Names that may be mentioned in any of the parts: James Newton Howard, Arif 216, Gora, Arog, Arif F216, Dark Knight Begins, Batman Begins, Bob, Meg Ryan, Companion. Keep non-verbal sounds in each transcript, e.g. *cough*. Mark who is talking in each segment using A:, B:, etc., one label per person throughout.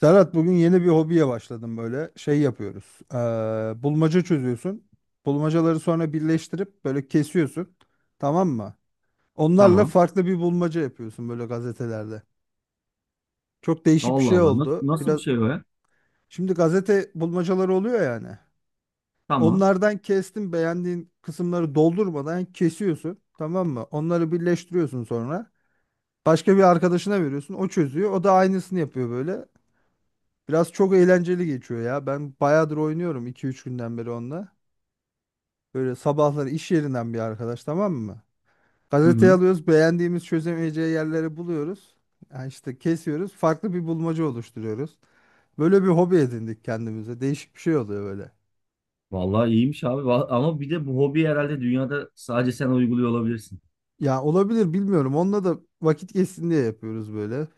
A: Serhat, bugün yeni bir hobiye başladım böyle. Şey yapıyoruz. Bulmaca çözüyorsun. Bulmacaları sonra birleştirip böyle kesiyorsun. Tamam mı? Onlarla
B: Tamam.
A: farklı bir bulmaca yapıyorsun böyle gazetelerde. Çok değişik bir
B: Allah
A: şey
B: Allah. Nasıl,
A: oldu.
B: nasıl bir
A: Biraz
B: şey o ya?
A: şimdi gazete bulmacaları oluyor yani.
B: Tamam.
A: Onlardan kestim, beğendiğin kısımları doldurmadan kesiyorsun. Tamam mı? Onları birleştiriyorsun sonra. Başka bir arkadaşına veriyorsun. O çözüyor. O da aynısını yapıyor böyle. Biraz çok eğlenceli geçiyor ya. Ben bayağıdır oynuyorum, iki üç günden beri onunla. Böyle sabahları iş yerinden bir arkadaş, tamam mı?
B: Hı
A: Gazeteyi
B: hı.
A: alıyoruz, beğendiğimiz çözemeyeceği yerleri buluyoruz. Yani işte kesiyoruz, farklı bir bulmaca oluşturuyoruz. Böyle bir hobi edindik kendimize. Değişik bir şey oluyor böyle.
B: Vallahi iyiymiş abi. Ama bir de bu hobi herhalde dünyada sadece sen uyguluyor olabilirsin.
A: Ya olabilir, bilmiyorum. Onunla da vakit geçsin diye yapıyoruz böyle.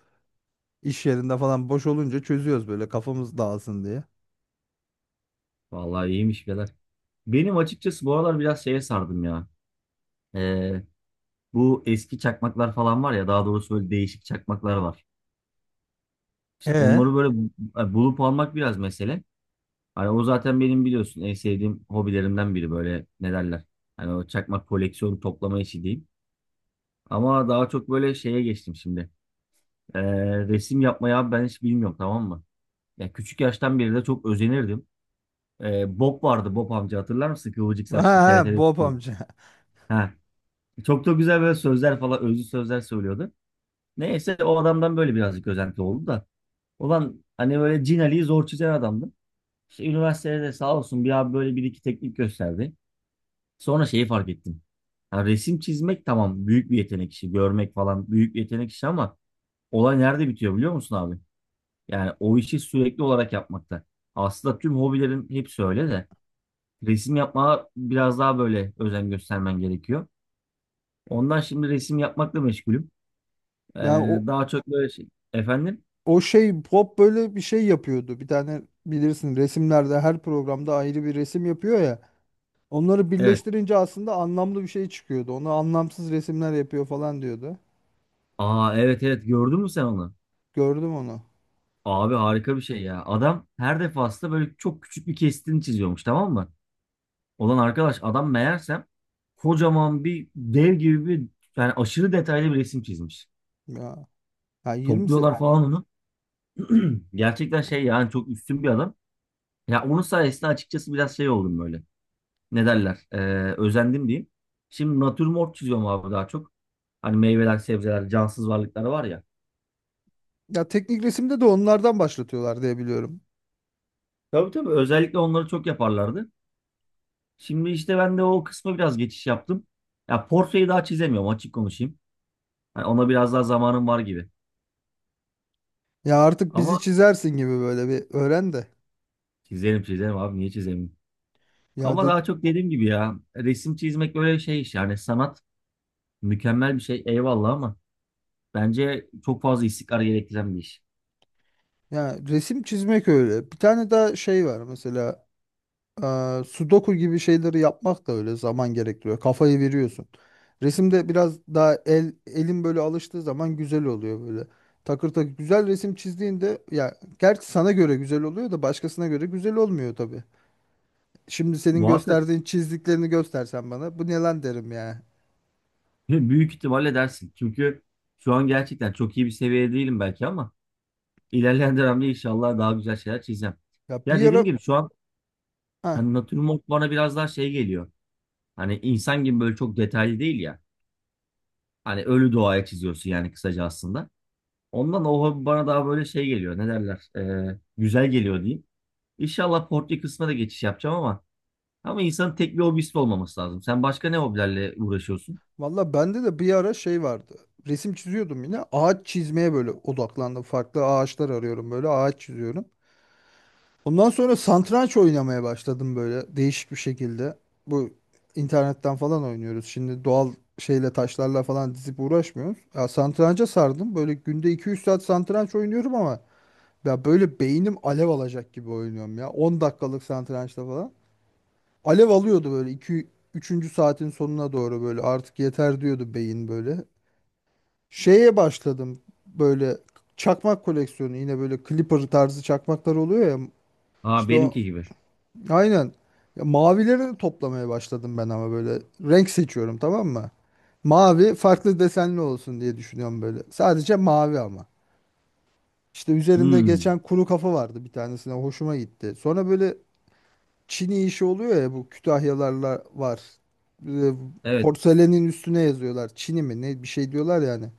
A: İş yerinde falan boş olunca çözüyoruz böyle, kafamız dağılsın diye.
B: Vallahi iyiymiş birader. Benim açıkçası bu aralar biraz şeye sardım ya. Ee, bu eski çakmaklar falan var ya. Daha doğrusu böyle değişik çakmaklar var. İşte
A: E
B: onları böyle bulup almak biraz mesele. Hani o zaten benim biliyorsun en sevdiğim hobilerimden biri böyle ne derler. Hani o çakmak koleksiyonu toplama işi diyeyim. Ama daha çok böyle şeye geçtim şimdi. Ee, resim yapmayı abi ben hiç bilmiyorum tamam mı? Ya küçük yaştan beri de çok özenirdim. Bob vardı, Bob amca, hatırlar mısın? Kıvırcık
A: ha
B: saçlı
A: ha,
B: TRT'de
A: Bob
B: çıkıyordu.
A: amca. *laughs*
B: Ha, çok da güzel böyle sözler falan özlü sözler söylüyordu. Neyse, o adamdan böyle birazcık özenti oldu da. Ulan, hani böyle Cin Ali'yi zor çizen adamdı. İşte üniversitede de sağ olsun bir abi böyle bir iki teknik gösterdi. Sonra şeyi fark ettim. Ha, resim çizmek tamam, büyük bir yetenek işi. Görmek falan büyük bir yetenek işi ama olay nerede bitiyor biliyor musun abi? Yani o işi sürekli olarak yapmakta. Aslında tüm hobilerin hepsi öyle de resim yapmaya biraz daha böyle özen göstermen gerekiyor. Ondan şimdi resim yapmakla meşgulüm. Ee,
A: Ya o,
B: daha çok böyle şey. Efendim?
A: o şey Pop böyle bir şey yapıyordu. Bir tane bilirsin, resimlerde her programda ayrı bir resim yapıyor ya. Onları
B: Evet.
A: birleştirince aslında anlamlı bir şey çıkıyordu. Onu anlamsız resimler yapıyor falan diyordu.
B: Aa, evet evet, gördün mü sen onu?
A: Gördüm onu.
B: Abi harika bir şey ya. Adam her defasında böyle çok küçük bir kesitini çiziyormuş tamam mı? Olan arkadaş adam meğersem kocaman bir dev gibi bir, yani aşırı detaylı bir resim çizmiş.
A: Ya, ya 20
B: Topluyorlar falan onu. *clears throat* Gerçekten şey yani, çok üstün bir adam. Ya onun sayesinde açıkçası biraz şey oldum böyle. Ne derler? Özendim diyeyim. Şimdi natürmort çiziyorum abi, daha çok. Hani meyveler, sebzeler, cansız varlıklar var ya.
A: ya teknik resimde de onlardan başlatıyorlar diye biliyorum.
B: Tabii tabii, özellikle onları çok yaparlardı. Şimdi işte ben de o kısma biraz geçiş yaptım. Ya portreyi daha çizemiyorum, açık konuşayım. Hani ona biraz daha zamanım var gibi.
A: Ya artık bizi
B: Ama
A: çizersin gibi, böyle bir öğren de.
B: çizerim çizerim abi, niye çizemeyim?
A: Ya
B: Ama
A: de,
B: daha çok dediğim gibi ya, resim çizmek böyle şey iş yani, sanat mükemmel bir şey eyvallah ama bence çok fazla istikrar gerektiren bir iş.
A: ya resim çizmek öyle. Bir tane daha şey var mesela. Sudoku gibi şeyleri yapmak da öyle zaman gerektiriyor. Kafayı veriyorsun. Resimde biraz daha el, elin böyle alıştığı zaman güzel oluyor böyle. Takır takır güzel resim çizdiğinde, ya gerçi sana göre güzel oluyor da başkasına göre güzel olmuyor tabii. Şimdi senin
B: Muhakkak
A: gösterdiğin çizdiklerini göstersen bana, bu ne lan derim ya.
B: ve büyük ihtimalle dersin. Çünkü şu an gerçekten çok iyi bir seviyede değilim belki ama ilerleyen dönemde inşallah daha güzel şeyler çizeceğim.
A: Ya
B: Ya
A: bir
B: dediğim
A: ara
B: gibi şu an
A: ha
B: hani natürmort bana biraz daha şey geliyor. Hani insan gibi böyle çok detaylı değil ya. Hani ölü doğaya çiziyorsun yani, kısaca aslında. Ondan o hobi bana daha böyle şey geliyor. Ne derler? Güzel geliyor diyeyim. İnşallah portre kısmına da geçiş yapacağım ama ama insanın tek bir hobisi de olmaması lazım. Sen başka ne hobilerle uğraşıyorsun?
A: valla bende de bir ara şey vardı. Resim çiziyordum yine. Ağaç çizmeye böyle odaklandım. Farklı ağaçlar arıyorum böyle, ağaç çiziyorum. Ondan sonra satranç oynamaya başladım böyle, değişik bir şekilde. Bu internetten falan oynuyoruz. Şimdi doğal şeyle, taşlarla falan dizip uğraşmıyoruz. Ya satranca sardım. Böyle günde iki üç saat satranç oynuyorum ama ya böyle beynim alev alacak gibi oynuyorum ya, 10 dakikalık satrançta falan. Alev alıyordu böyle 2 üçüncü saatin sonuna doğru, böyle artık yeter diyordu beyin böyle. Şeye başladım böyle, çakmak koleksiyonu yine, böyle Clipper tarzı çakmaklar oluyor ya.
B: Aa,
A: İşte o
B: benimki gibi.
A: Aynen. Ya mavileri de toplamaya başladım ben, ama böyle renk seçiyorum, tamam mı? Mavi farklı desenli olsun diye düşünüyorum böyle. Sadece mavi ama. İşte üzerinde
B: Hmm,
A: geçen kuru kafa vardı bir tanesine, hoşuma gitti. Sonra böyle çini işi oluyor ya, bu Kütahyalarla var. Ee,
B: evet.
A: Porselenin üstüne yazıyorlar. Çini mi ne bir şey diyorlar yani.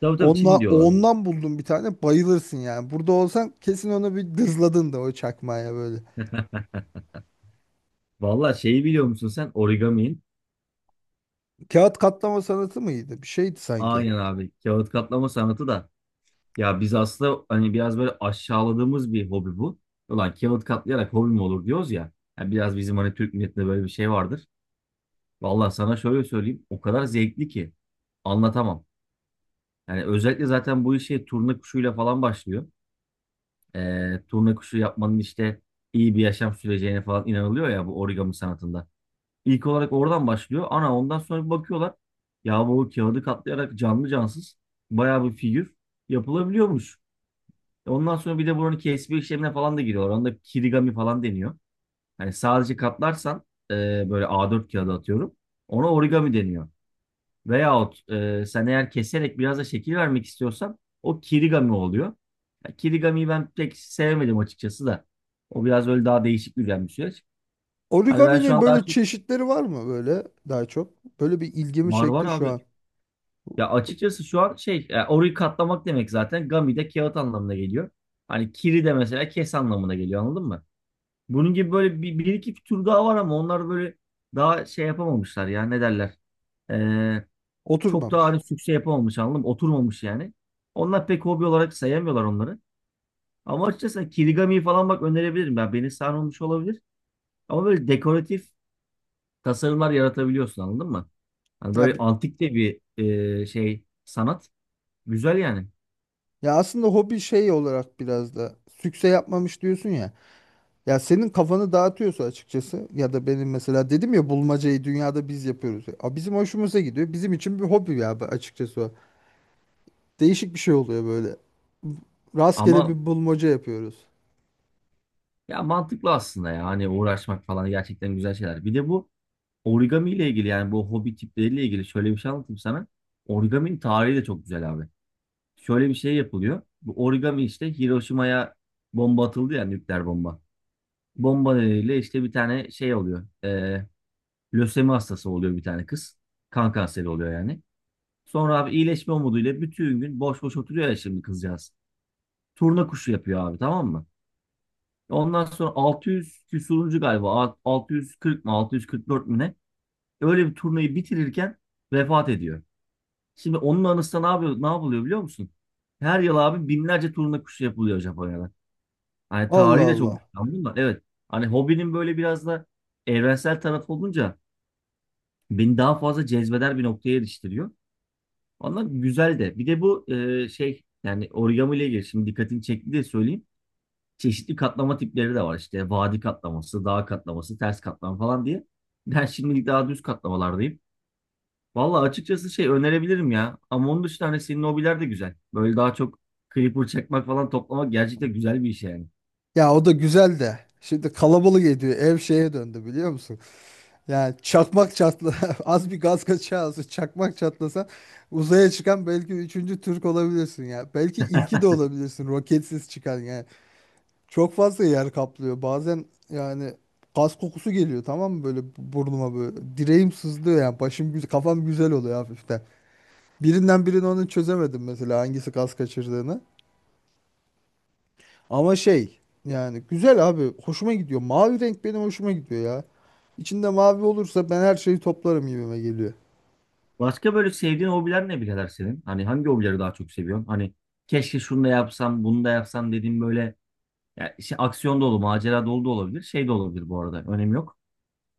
B: Tabii tabii, Çin diyorlar.
A: Ondan buldum bir tane, bayılırsın yani. Burada olsan kesin onu bir dızladın da o çakmaya böyle.
B: *laughs* Valla, şeyi biliyor musun sen, origami'in?
A: Kağıt katlama sanatı mıydı? Bir şeydi sanki.
B: Aynen abi. Kağıt katlama sanatı da. Ya biz aslında hani biraz böyle aşağıladığımız bir hobi bu. Ulan kağıt katlayarak hobi mi olur diyoruz ya. Ya biraz bizim hani Türk milletinde böyle bir şey vardır. Valla sana şöyle söyleyeyim. O kadar zevkli ki. Anlatamam. Yani özellikle zaten bu işe turna kuşuyla falan başlıyor. Turna kuşu yapmanın işte iyi bir yaşam süreceğine falan inanılıyor ya, bu origami sanatında. İlk olarak oradan başlıyor. Ana ondan sonra bir bakıyorlar. Ya bu kağıdı katlayarak canlı cansız bayağı bir figür yapılabiliyormuş. E ondan sonra bir de buranın kesme işlemine falan da giriyorlar. Onda kirigami falan deniyor. Hani sadece katlarsan e, böyle A4 kağıdı atıyorum. Ona origami deniyor. Veyahut sen eğer keserek biraz da şekil vermek istiyorsan o kirigami oluyor. Ya kirigamiyi ben pek sevmedim açıkçası da. O biraz öyle daha değişik bir süreç. Hani ben şu
A: Origami'nin
B: an daha
A: böyle
B: çok
A: çeşitleri var mı böyle, daha çok? Böyle bir ilgimi
B: var var
A: çekti şu
B: abi.
A: an.
B: Ya açıkçası şu an şey, orayı katlamak demek, zaten gami de kağıt anlamına geliyor. Hani kiri de mesela kes anlamına geliyor, anladın mı? Bunun gibi böyle bir, bir iki tür daha var ama onlar böyle daha şey yapamamışlar ya, ne derler. Ee, çok daha
A: Oturmamış.
B: hani sükse yapamamış, anladın mı? Oturmamış yani. Onlar pek hobi olarak sayamıyorlar onları. Ama açıkçası kirigamiyi falan bak önerebilirim. Ben, beni sarmamış olabilir. Ama böyle dekoratif tasarımlar yaratabiliyorsun, anladın mı? Hani
A: Ya,
B: böyle
A: bi-
B: antik de bir şey sanat. Güzel yani.
A: ya aslında hobi şey olarak biraz da sükse yapmamış diyorsun ya. Ya senin kafanı dağıtıyorsa açıkçası, ya da benim mesela dedim ya, bulmacayı dünyada biz yapıyoruz. A, bizim hoşumuza gidiyor. Bizim için bir hobi ya bu, açıkçası o. Değişik bir şey oluyor böyle. Rastgele
B: Ama
A: bir bulmaca yapıyoruz.
B: ya mantıklı aslında ya. Hani uğraşmak falan gerçekten güzel şeyler. Bir de bu origami ile ilgili yani bu hobi tipleriyle ilgili şöyle bir şey anlatayım sana. Origaminin tarihi de çok güzel abi. Şöyle bir şey yapılıyor. Bu origami işte Hiroşima'ya bomba atıldı ya, nükleer bomba. Bomba nedeniyle işte bir tane şey oluyor. Lösemi hastası oluyor bir tane kız. Kan kanseri oluyor yani. Sonra abi iyileşme umuduyla bütün gün boş boş oturuyor ya şimdi kızcağız. Turna kuşu yapıyor abi tamam mı? Ondan sonra 600 küsuruncu galiba, 640 mı 644 mü ne? Öyle bir turnayı bitirirken vefat ediyor. Şimdi onun anısına ne yapıyor, ne yapılıyor biliyor musun? Her yıl abi binlerce turna kuşu yapılıyor Japonya'da. Hani
A: Allah
B: tarihi de çok,
A: Allah.
B: anladın da, evet. Hani hobinin böyle biraz da evrensel tarafı olunca beni daha fazla cezbeder bir noktaya eriştiriyor. Ondan güzel de. Bir de bu şey yani origami ile ilgili şimdi dikkatini çekti diye söyleyeyim. Çeşitli katlama tipleri de var. İşte vadi katlaması, dağ katlaması, ters katlama falan diye. Ben şimdilik daha düz katlamalardayım. Valla açıkçası şey önerebilirim ya. Ama onun dışında hani senin hobiler de güzel. Böyle daha çok creeper çekmek falan, toplamak gerçekten güzel bir iş yani.
A: Ya o da güzel de. Şimdi kalabalık ediyor. Ev şeye döndü, biliyor musun? Yani çakmak çatla *laughs* az bir gaz kaçağı, az çakmak çatlasa uzaya çıkan belki üçüncü Türk olabilirsin ya. Belki ilki de olabilirsin, roketsiz çıkan yani. Çok fazla yer kaplıyor. Bazen yani gaz kokusu geliyor, tamam mı, böyle burnuma böyle. Direğim sızlıyor yani, başım güzel, kafam güzel oluyor hafiften. Birinden birini, onu çözemedim mesela, hangisi gaz kaçırdığını. Ama şey, yani güzel abi, hoşuma gidiyor. Mavi renk benim hoşuma gidiyor ya. İçinde mavi olursa ben her şeyi toplarım gibime geliyor.
B: Başka böyle sevdiğin hobiler ne birader senin? Hani hangi hobileri daha çok seviyorsun? Hani keşke şunu da yapsam, bunu da yapsam dediğim böyle, ya işte aksiyon dolu, macera dolu da olabilir. Şey de olabilir bu arada. Önemi yok.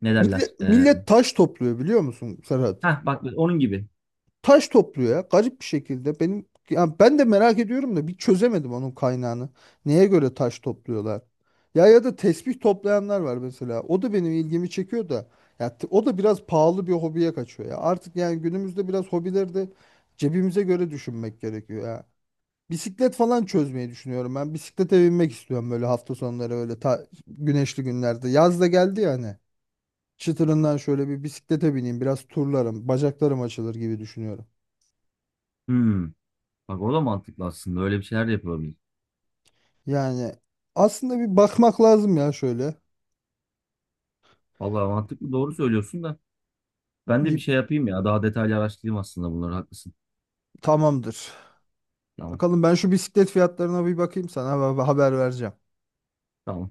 B: Ne derler?
A: Millet, millet taş topluyor biliyor musun Serhat?
B: Heh, bak onun gibi.
A: Taş topluyor ya, garip bir şekilde. Ben de merak ediyorum da bir çözemedim onun kaynağını. Neye göre taş topluyorlar? Ya, ya da tesbih toplayanlar var mesela. O da benim ilgimi çekiyor da. O da biraz pahalı bir hobiye kaçıyor ya. Artık yani günümüzde biraz hobileri de cebimize göre düşünmek gerekiyor ya. Bisiklet falan çözmeyi düşünüyorum ben. Bisiklete binmek istiyorum böyle hafta sonları, öyle güneşli günlerde. Yaz da geldi yani. Çıtırından şöyle bir bisiklete bineyim, biraz turlarım, bacaklarım açılır gibi düşünüyorum.
B: Hmm. Bak o da mantıklı aslında. Öyle bir şeyler de yapılabilir.
A: Yani aslında bir bakmak lazım ya şöyle.
B: Vallahi mantıklı, doğru söylüyorsun da ben de bir
A: Bir
B: şey yapayım ya. Daha detaylı araştırayım aslında bunları. Haklısın.
A: tamamdır.
B: Tamam.
A: Bakalım, ben şu bisiklet fiyatlarına bir bakayım, sana haber vereceğim.
B: Tamam.